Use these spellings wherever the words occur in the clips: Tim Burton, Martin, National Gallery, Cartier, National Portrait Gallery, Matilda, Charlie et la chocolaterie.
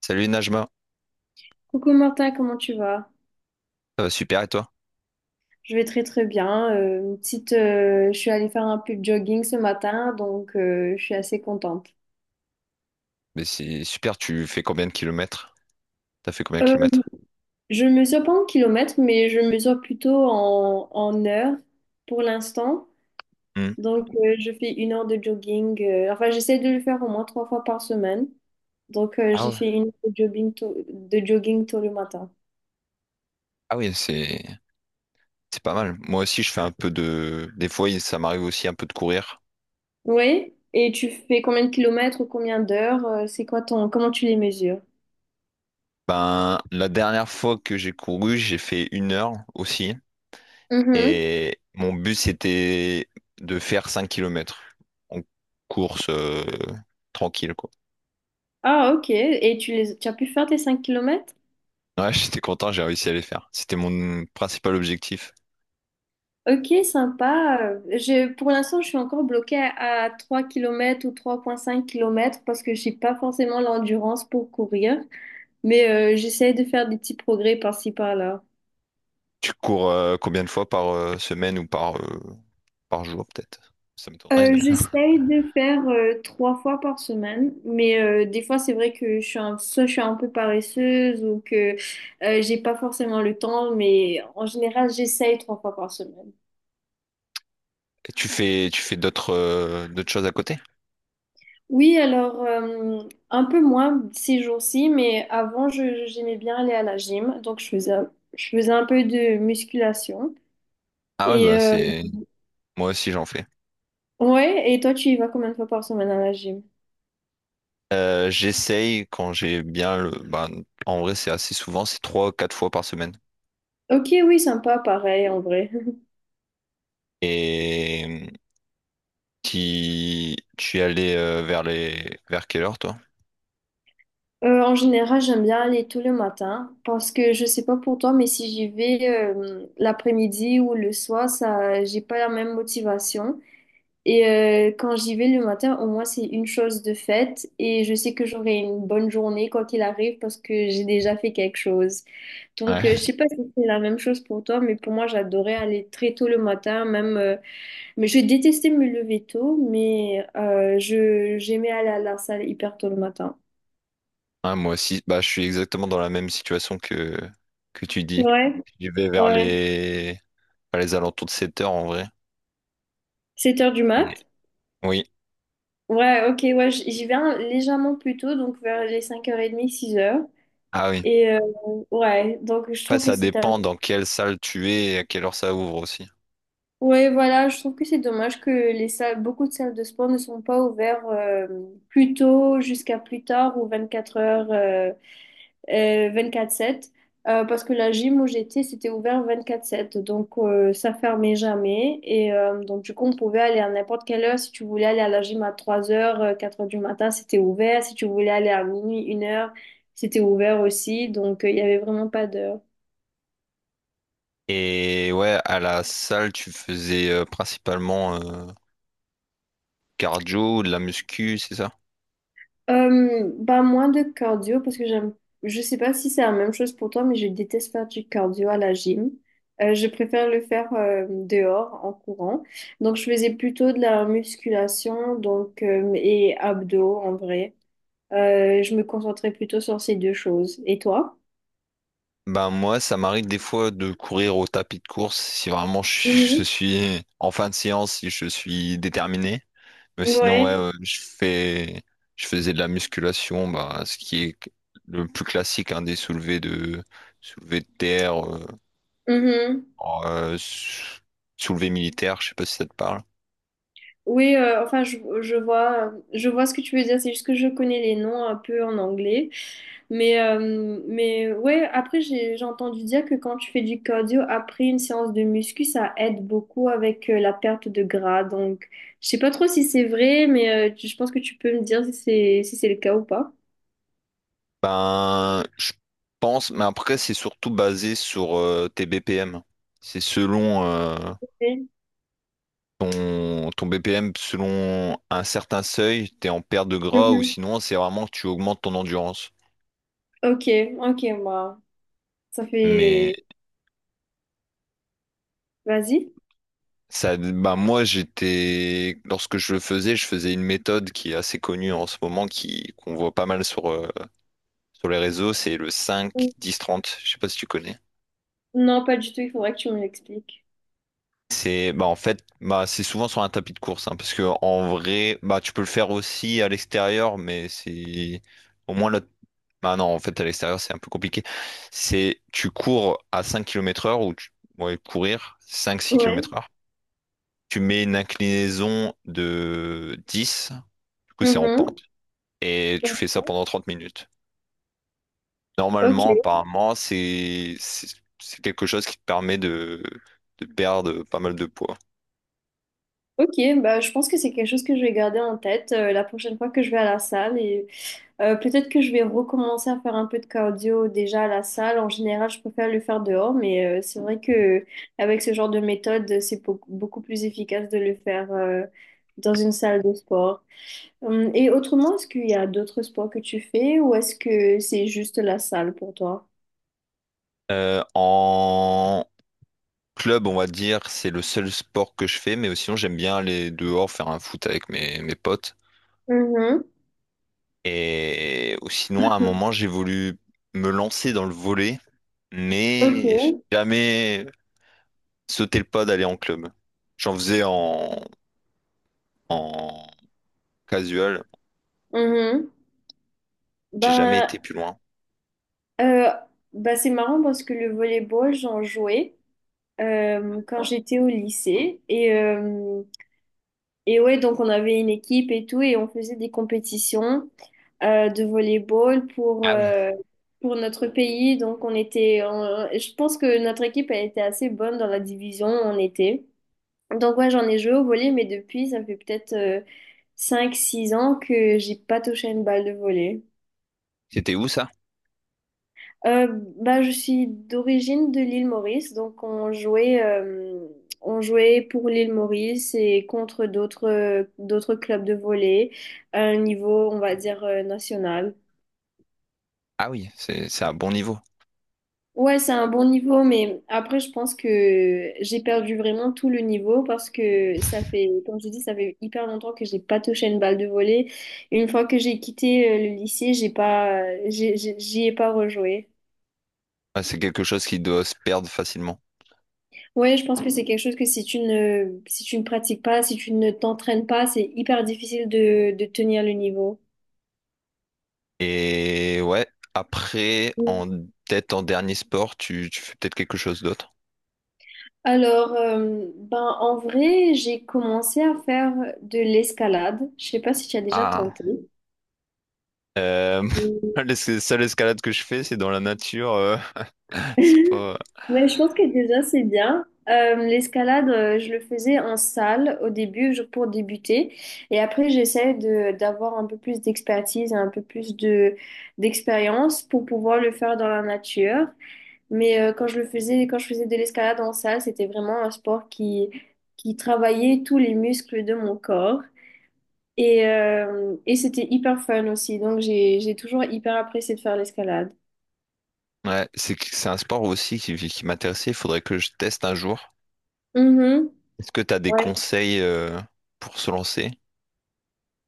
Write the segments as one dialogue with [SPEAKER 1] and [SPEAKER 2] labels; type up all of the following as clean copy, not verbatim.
[SPEAKER 1] Salut Najma,
[SPEAKER 2] Coucou Martin, comment tu vas?
[SPEAKER 1] ça va super et toi?
[SPEAKER 2] Je vais très très bien. Je suis allée faire un peu de jogging ce matin, donc je suis assez contente.
[SPEAKER 1] Mais c'est super, tu fais combien de kilomètres? T'as fait combien de
[SPEAKER 2] Euh,
[SPEAKER 1] kilomètres?
[SPEAKER 2] je mesure pas en kilomètres, mais je mesure plutôt en heures pour l'instant.
[SPEAKER 1] Hmm.
[SPEAKER 2] Donc je fais une heure de jogging. Enfin, j'essaie de le faire au moins trois fois par semaine. Donc
[SPEAKER 1] Ah
[SPEAKER 2] j'ai
[SPEAKER 1] ouais.
[SPEAKER 2] fait une heure de jogging tôt le matin.
[SPEAKER 1] Ah oui, c'est pas mal. Moi aussi, je fais un peu de… Des fois, ça m'arrive aussi un peu de courir.
[SPEAKER 2] Oui. Et tu fais combien de kilomètres ou combien d'heures? Comment tu les mesures?
[SPEAKER 1] Ben, la dernière fois que j'ai couru, j'ai fait une heure aussi. Et mon but, c'était de faire 5 kilomètres en course tranquille, quoi.
[SPEAKER 2] Ah, ok. Et tu as pu faire tes 5 kilomètres?
[SPEAKER 1] Ouais, j'étais content, j'ai réussi à les faire. C'était mon principal objectif.
[SPEAKER 2] Ok, sympa. Pour l'instant, je suis encore bloquée à 3 km ou 3,5 kilomètres parce que j'ai pas forcément l'endurance pour courir. Mais j'essaie de faire des petits progrès par-ci, par-là.
[SPEAKER 1] Tu cours combien de fois par semaine ou par… par jour peut-être. Ça m'étonnerait, mais.
[SPEAKER 2] Euh, j'essaie de faire trois fois par semaine, mais des fois c'est vrai que soit je suis un peu paresseuse ou que j'ai pas forcément le temps, mais en général j'essaye trois fois par semaine.
[SPEAKER 1] Et tu fais d'autres d'autres choses à côté?
[SPEAKER 2] Oui, alors un peu moins ces jours-ci, mais avant, j'aimais bien aller à la gym, donc je faisais un peu de musculation.
[SPEAKER 1] Ah ouais,
[SPEAKER 2] Et
[SPEAKER 1] bah c'est. Moi aussi j'en fais.
[SPEAKER 2] ouais, et toi, tu y vas combien de fois par semaine à la gym?
[SPEAKER 1] J'essaye quand j'ai bien le. Bah, en vrai, c'est assez souvent, c'est trois, quatre fois par semaine.
[SPEAKER 2] Ok, oui, sympa, pareil en vrai.
[SPEAKER 1] Et qui tu es allé vers les vers quelle heure toi?
[SPEAKER 2] En général, j'aime bien aller tous les matins parce que je sais pas pour toi, mais si j'y vais l'après-midi ou le soir, ça, j'ai pas la même motivation. Et quand j'y vais le matin, au moins c'est une chose de faite et je sais que j'aurai une bonne journée quoi qu'il arrive parce que j'ai déjà fait quelque chose.
[SPEAKER 1] Ouais.
[SPEAKER 2] Donc je sais pas si c'est la même chose pour toi, mais pour moi j'adorais aller très tôt le matin, même mais je détestais me lever tôt, mais je j'aimais aller à la salle hyper tôt le matin.
[SPEAKER 1] Ouais, moi aussi, bah je suis exactement dans la même situation que tu dis.
[SPEAKER 2] Ouais,
[SPEAKER 1] Je vais
[SPEAKER 2] ouais.
[SPEAKER 1] vers les alentours de 7 heures en vrai.
[SPEAKER 2] 7 heures du
[SPEAKER 1] Et-
[SPEAKER 2] mat?
[SPEAKER 1] Oui.
[SPEAKER 2] Ouais, ok, ouais, j'y vais légèrement plus tôt, donc vers les 5h30, 6 heures.
[SPEAKER 1] Ah oui.
[SPEAKER 2] Et ouais, donc je
[SPEAKER 1] Après,
[SPEAKER 2] trouve que
[SPEAKER 1] ça
[SPEAKER 2] c'est
[SPEAKER 1] dépend
[SPEAKER 2] tellement...
[SPEAKER 1] dans quelle salle tu es et à quelle heure ça ouvre aussi.
[SPEAKER 2] Ouais, voilà, je trouve que c'est dommage que les salles, beaucoup de salles de sport ne sont pas ouvertes plus tôt jusqu'à plus tard ou 24 heures, 24-7. Parce que la gym où j'étais, c'était ouvert 24-7. Donc, ça fermait jamais. Et donc, du coup, on pouvait aller à n'importe quelle heure. Si tu voulais aller à la gym à 3 heures, 4 heures du matin, c'était ouvert. Si tu voulais aller à minuit, une heure, c'était ouvert aussi. Donc, il y avait vraiment pas d'heure.
[SPEAKER 1] Et ouais, à la salle, tu faisais principalement cardio, de la muscu, c'est ça?
[SPEAKER 2] Bah moins de cardio parce que j'aime, je sais pas si c'est la même chose pour toi mais je déteste faire du cardio à la gym. Je préfère le faire dehors en courant, donc je faisais plutôt de la musculation donc et abdos en vrai. Je me concentrais plutôt sur ces deux choses, et toi?
[SPEAKER 1] Ben moi, ça m'arrive des fois de courir au tapis de course si vraiment je, suis je
[SPEAKER 2] Mhm.
[SPEAKER 1] suis en fin de séance, si je suis déterminé. Mais sinon, ouais,
[SPEAKER 2] Ouais.
[SPEAKER 1] je fais, je faisais de la musculation, bah, ce qui est le plus classique, hein, des soulevés de terre,
[SPEAKER 2] Mhm.
[SPEAKER 1] oh, euh, sou- soulevés militaires, je sais pas si ça te parle.
[SPEAKER 2] Oui, enfin, je vois ce que tu veux dire. C'est juste que je connais les noms un peu en anglais. Mais ouais, après, j'ai entendu dire que quand tu fais du cardio, après une séance de muscu, ça aide beaucoup avec la perte de gras. Donc, je sais pas trop si c'est vrai, mais je pense que tu peux me dire si si c'est le cas ou pas.
[SPEAKER 1] Ben, je pense, mais après, c'est surtout basé sur tes BPM. C'est selon
[SPEAKER 2] Oui.
[SPEAKER 1] ton BPM, selon un certain seuil, t'es en perte de gras ou
[SPEAKER 2] Mhm.
[SPEAKER 1] sinon, c'est vraiment que tu augmentes ton endurance.
[SPEAKER 2] Ok, ok, bah, ça
[SPEAKER 1] Mais
[SPEAKER 2] fait... Vas-y.
[SPEAKER 1] ça, bah moi, j'étais, lorsque je le faisais, je faisais une méthode qui est assez connue en ce moment, qui qu'on voit pas mal sur, sur les réseaux, c'est le cinq
[SPEAKER 2] Mm.
[SPEAKER 1] dix trente Je sais pas si tu connais.
[SPEAKER 2] Non, pas du tout, il faudrait que tu me l'expliques.
[SPEAKER 1] C'est, bah en fait, bah c'est souvent sur un tapis de course, hein, parce que en vrai, bah tu peux le faire aussi à l'extérieur, mais c'est au moins là. Bah non, en fait, à l'extérieur, c'est un peu compliqué. C'est, tu cours à 5 km/h ou tu, ouais, courir cinq six
[SPEAKER 2] Ouais.
[SPEAKER 1] kilomètres heure. Tu mets une inclinaison de 10. Du coup, c'est en
[SPEAKER 2] Mhm.
[SPEAKER 1] pente. Et tu fais ça pendant 30 minutes.
[SPEAKER 2] Ok.
[SPEAKER 1] Normalement, apparemment, c'est quelque chose qui te permet de perdre pas mal de poids.
[SPEAKER 2] Ok, bah, je pense que c'est quelque chose que je vais garder en tête la prochaine fois que je vais à la salle et peut-être que je vais recommencer à faire un peu de cardio déjà à la salle. En général, je préfère le faire dehors, mais c'est vrai que avec ce genre de méthode, c'est beaucoup, beaucoup plus efficace de le faire dans une salle de sport. Et autrement, est-ce qu'il y a d'autres sports que tu fais ou est-ce que c'est juste la salle pour toi?
[SPEAKER 1] En club, on va dire, c'est le seul sport que je fais, mais sinon, j'aime bien aller dehors faire un foot avec mes, mes potes.
[SPEAKER 2] Mhm.
[SPEAKER 1] Et sinon, à un moment, j'ai voulu me lancer dans le volley,
[SPEAKER 2] Ok.
[SPEAKER 1] mais j'ai jamais sauté le pas d'aller en club. J'en faisais en, en casual,
[SPEAKER 2] Mhm.
[SPEAKER 1] j'ai jamais
[SPEAKER 2] Ben,
[SPEAKER 1] été plus loin.
[SPEAKER 2] euh, ben, c'est marrant parce que le volleyball, j'en jouais. Quand j'étais au lycée. Et ouais, donc on avait une équipe et tout, et on faisait des compétitions de volleyball
[SPEAKER 1] Ah oui.
[SPEAKER 2] pour notre pays. Je pense que notre équipe elle était assez bonne dans la division où on était. Donc ouais, j'en ai joué au volley, mais depuis, ça fait peut-être cinq six ans que j'ai pas touché une balle de volley.
[SPEAKER 1] C'était où ça?
[SPEAKER 2] Euh, bah, je suis d'origine de l'île Maurice, donc on jouait pour l'île Maurice et contre d'autres d'autres clubs de volley à un niveau, on va dire, national.
[SPEAKER 1] Ah oui, c'est un bon niveau.
[SPEAKER 2] Ouais, c'est un bon niveau, mais après, je pense que j'ai perdu vraiment tout le niveau parce que ça fait, comme je dis, ça fait hyper longtemps que j'ai pas touché une balle de volley. Une fois que j'ai quitté le lycée, j'y ai pas rejoué.
[SPEAKER 1] Ah, c'est quelque chose qui doit se perdre facilement.
[SPEAKER 2] Ouais, je pense que c'est quelque chose que si tu ne pratiques pas, si tu ne t'entraînes pas, c'est hyper difficile de tenir le niveau.
[SPEAKER 1] Et ouais, après,
[SPEAKER 2] Mm.
[SPEAKER 1] en tête en dernier sport, tu fais peut-être quelque chose d'autre.
[SPEAKER 2] Alors, ben, en vrai, j'ai commencé à faire de l'escalade. Je sais pas si tu as déjà
[SPEAKER 1] Ah,
[SPEAKER 2] tenté.
[SPEAKER 1] euh,
[SPEAKER 2] Mm.
[SPEAKER 1] la seule escalade que je fais, c'est dans la nature. C'est pas…
[SPEAKER 2] Mais je pense que déjà, c'est bien. L'escalade, je le faisais en salle au début pour débuter. Et après, j'essaie d'avoir un peu plus d'expertise, un peu plus d'expérience pour pouvoir le faire dans la nature. Mais quand je le faisais, quand je faisais de l'escalade en salle, c'était vraiment un sport qui travaillait tous les muscles de mon corps. Et c'était hyper fun aussi. Donc j'ai toujours hyper apprécié de faire l'escalade.
[SPEAKER 1] Ouais, c'est un sport aussi qui m'intéressait. Il faudrait que je teste un jour.
[SPEAKER 2] Mhm.
[SPEAKER 1] Est-ce que tu as des
[SPEAKER 2] Ouais.
[SPEAKER 1] conseils pour se lancer?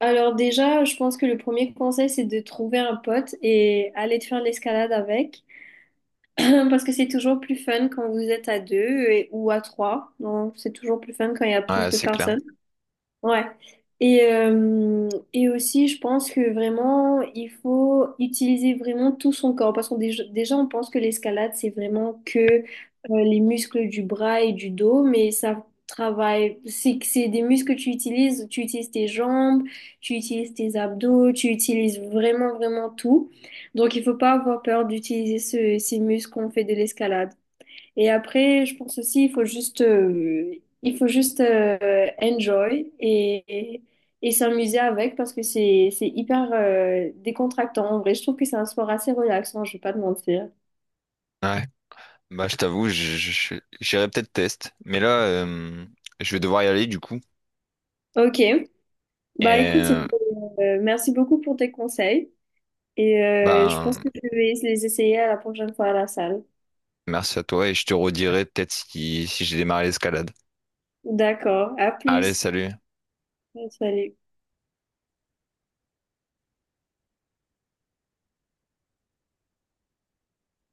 [SPEAKER 2] Alors déjà, je pense que le premier conseil, c'est de trouver un pote et aller te faire l'escalade avec. Parce que c'est toujours plus fun quand vous êtes à deux ou à trois. Donc c'est toujours plus fun quand il y a plus
[SPEAKER 1] Ouais,
[SPEAKER 2] de
[SPEAKER 1] c'est clair.
[SPEAKER 2] personnes. Ouais. Et aussi, je pense que vraiment, il faut utiliser vraiment tout son corps. Parce qu'on déjà, on pense que l'escalade, c'est vraiment que les muscles du bras et du dos, mais ça travaille. Que c'est des muscles que tu utilises. Tu utilises tes jambes, tu utilises tes abdos, tu utilises vraiment, vraiment tout. Donc, il faut pas avoir peur d'utiliser ces muscles qu'on fait de l'escalade. Et après, je pense aussi, il faut juste enjoy et, et s'amuser avec parce que c'est hyper décontractant. En vrai, je trouve que c'est un sport assez relaxant, je vais pas te mentir.
[SPEAKER 1] Ouais. Bah, je t'avoue, j'irai peut-être test. Mais là, je vais devoir y aller du coup.
[SPEAKER 2] Ok,
[SPEAKER 1] Et
[SPEAKER 2] bah écoute, merci beaucoup pour tes conseils et je pense
[SPEAKER 1] ben,
[SPEAKER 2] que je vais les essayer à la prochaine fois à la salle.
[SPEAKER 1] merci à toi et je te redirai peut-être si, si j'ai démarré l'escalade.
[SPEAKER 2] D'accord, à
[SPEAKER 1] Allez,
[SPEAKER 2] plus.
[SPEAKER 1] salut.
[SPEAKER 2] Salut.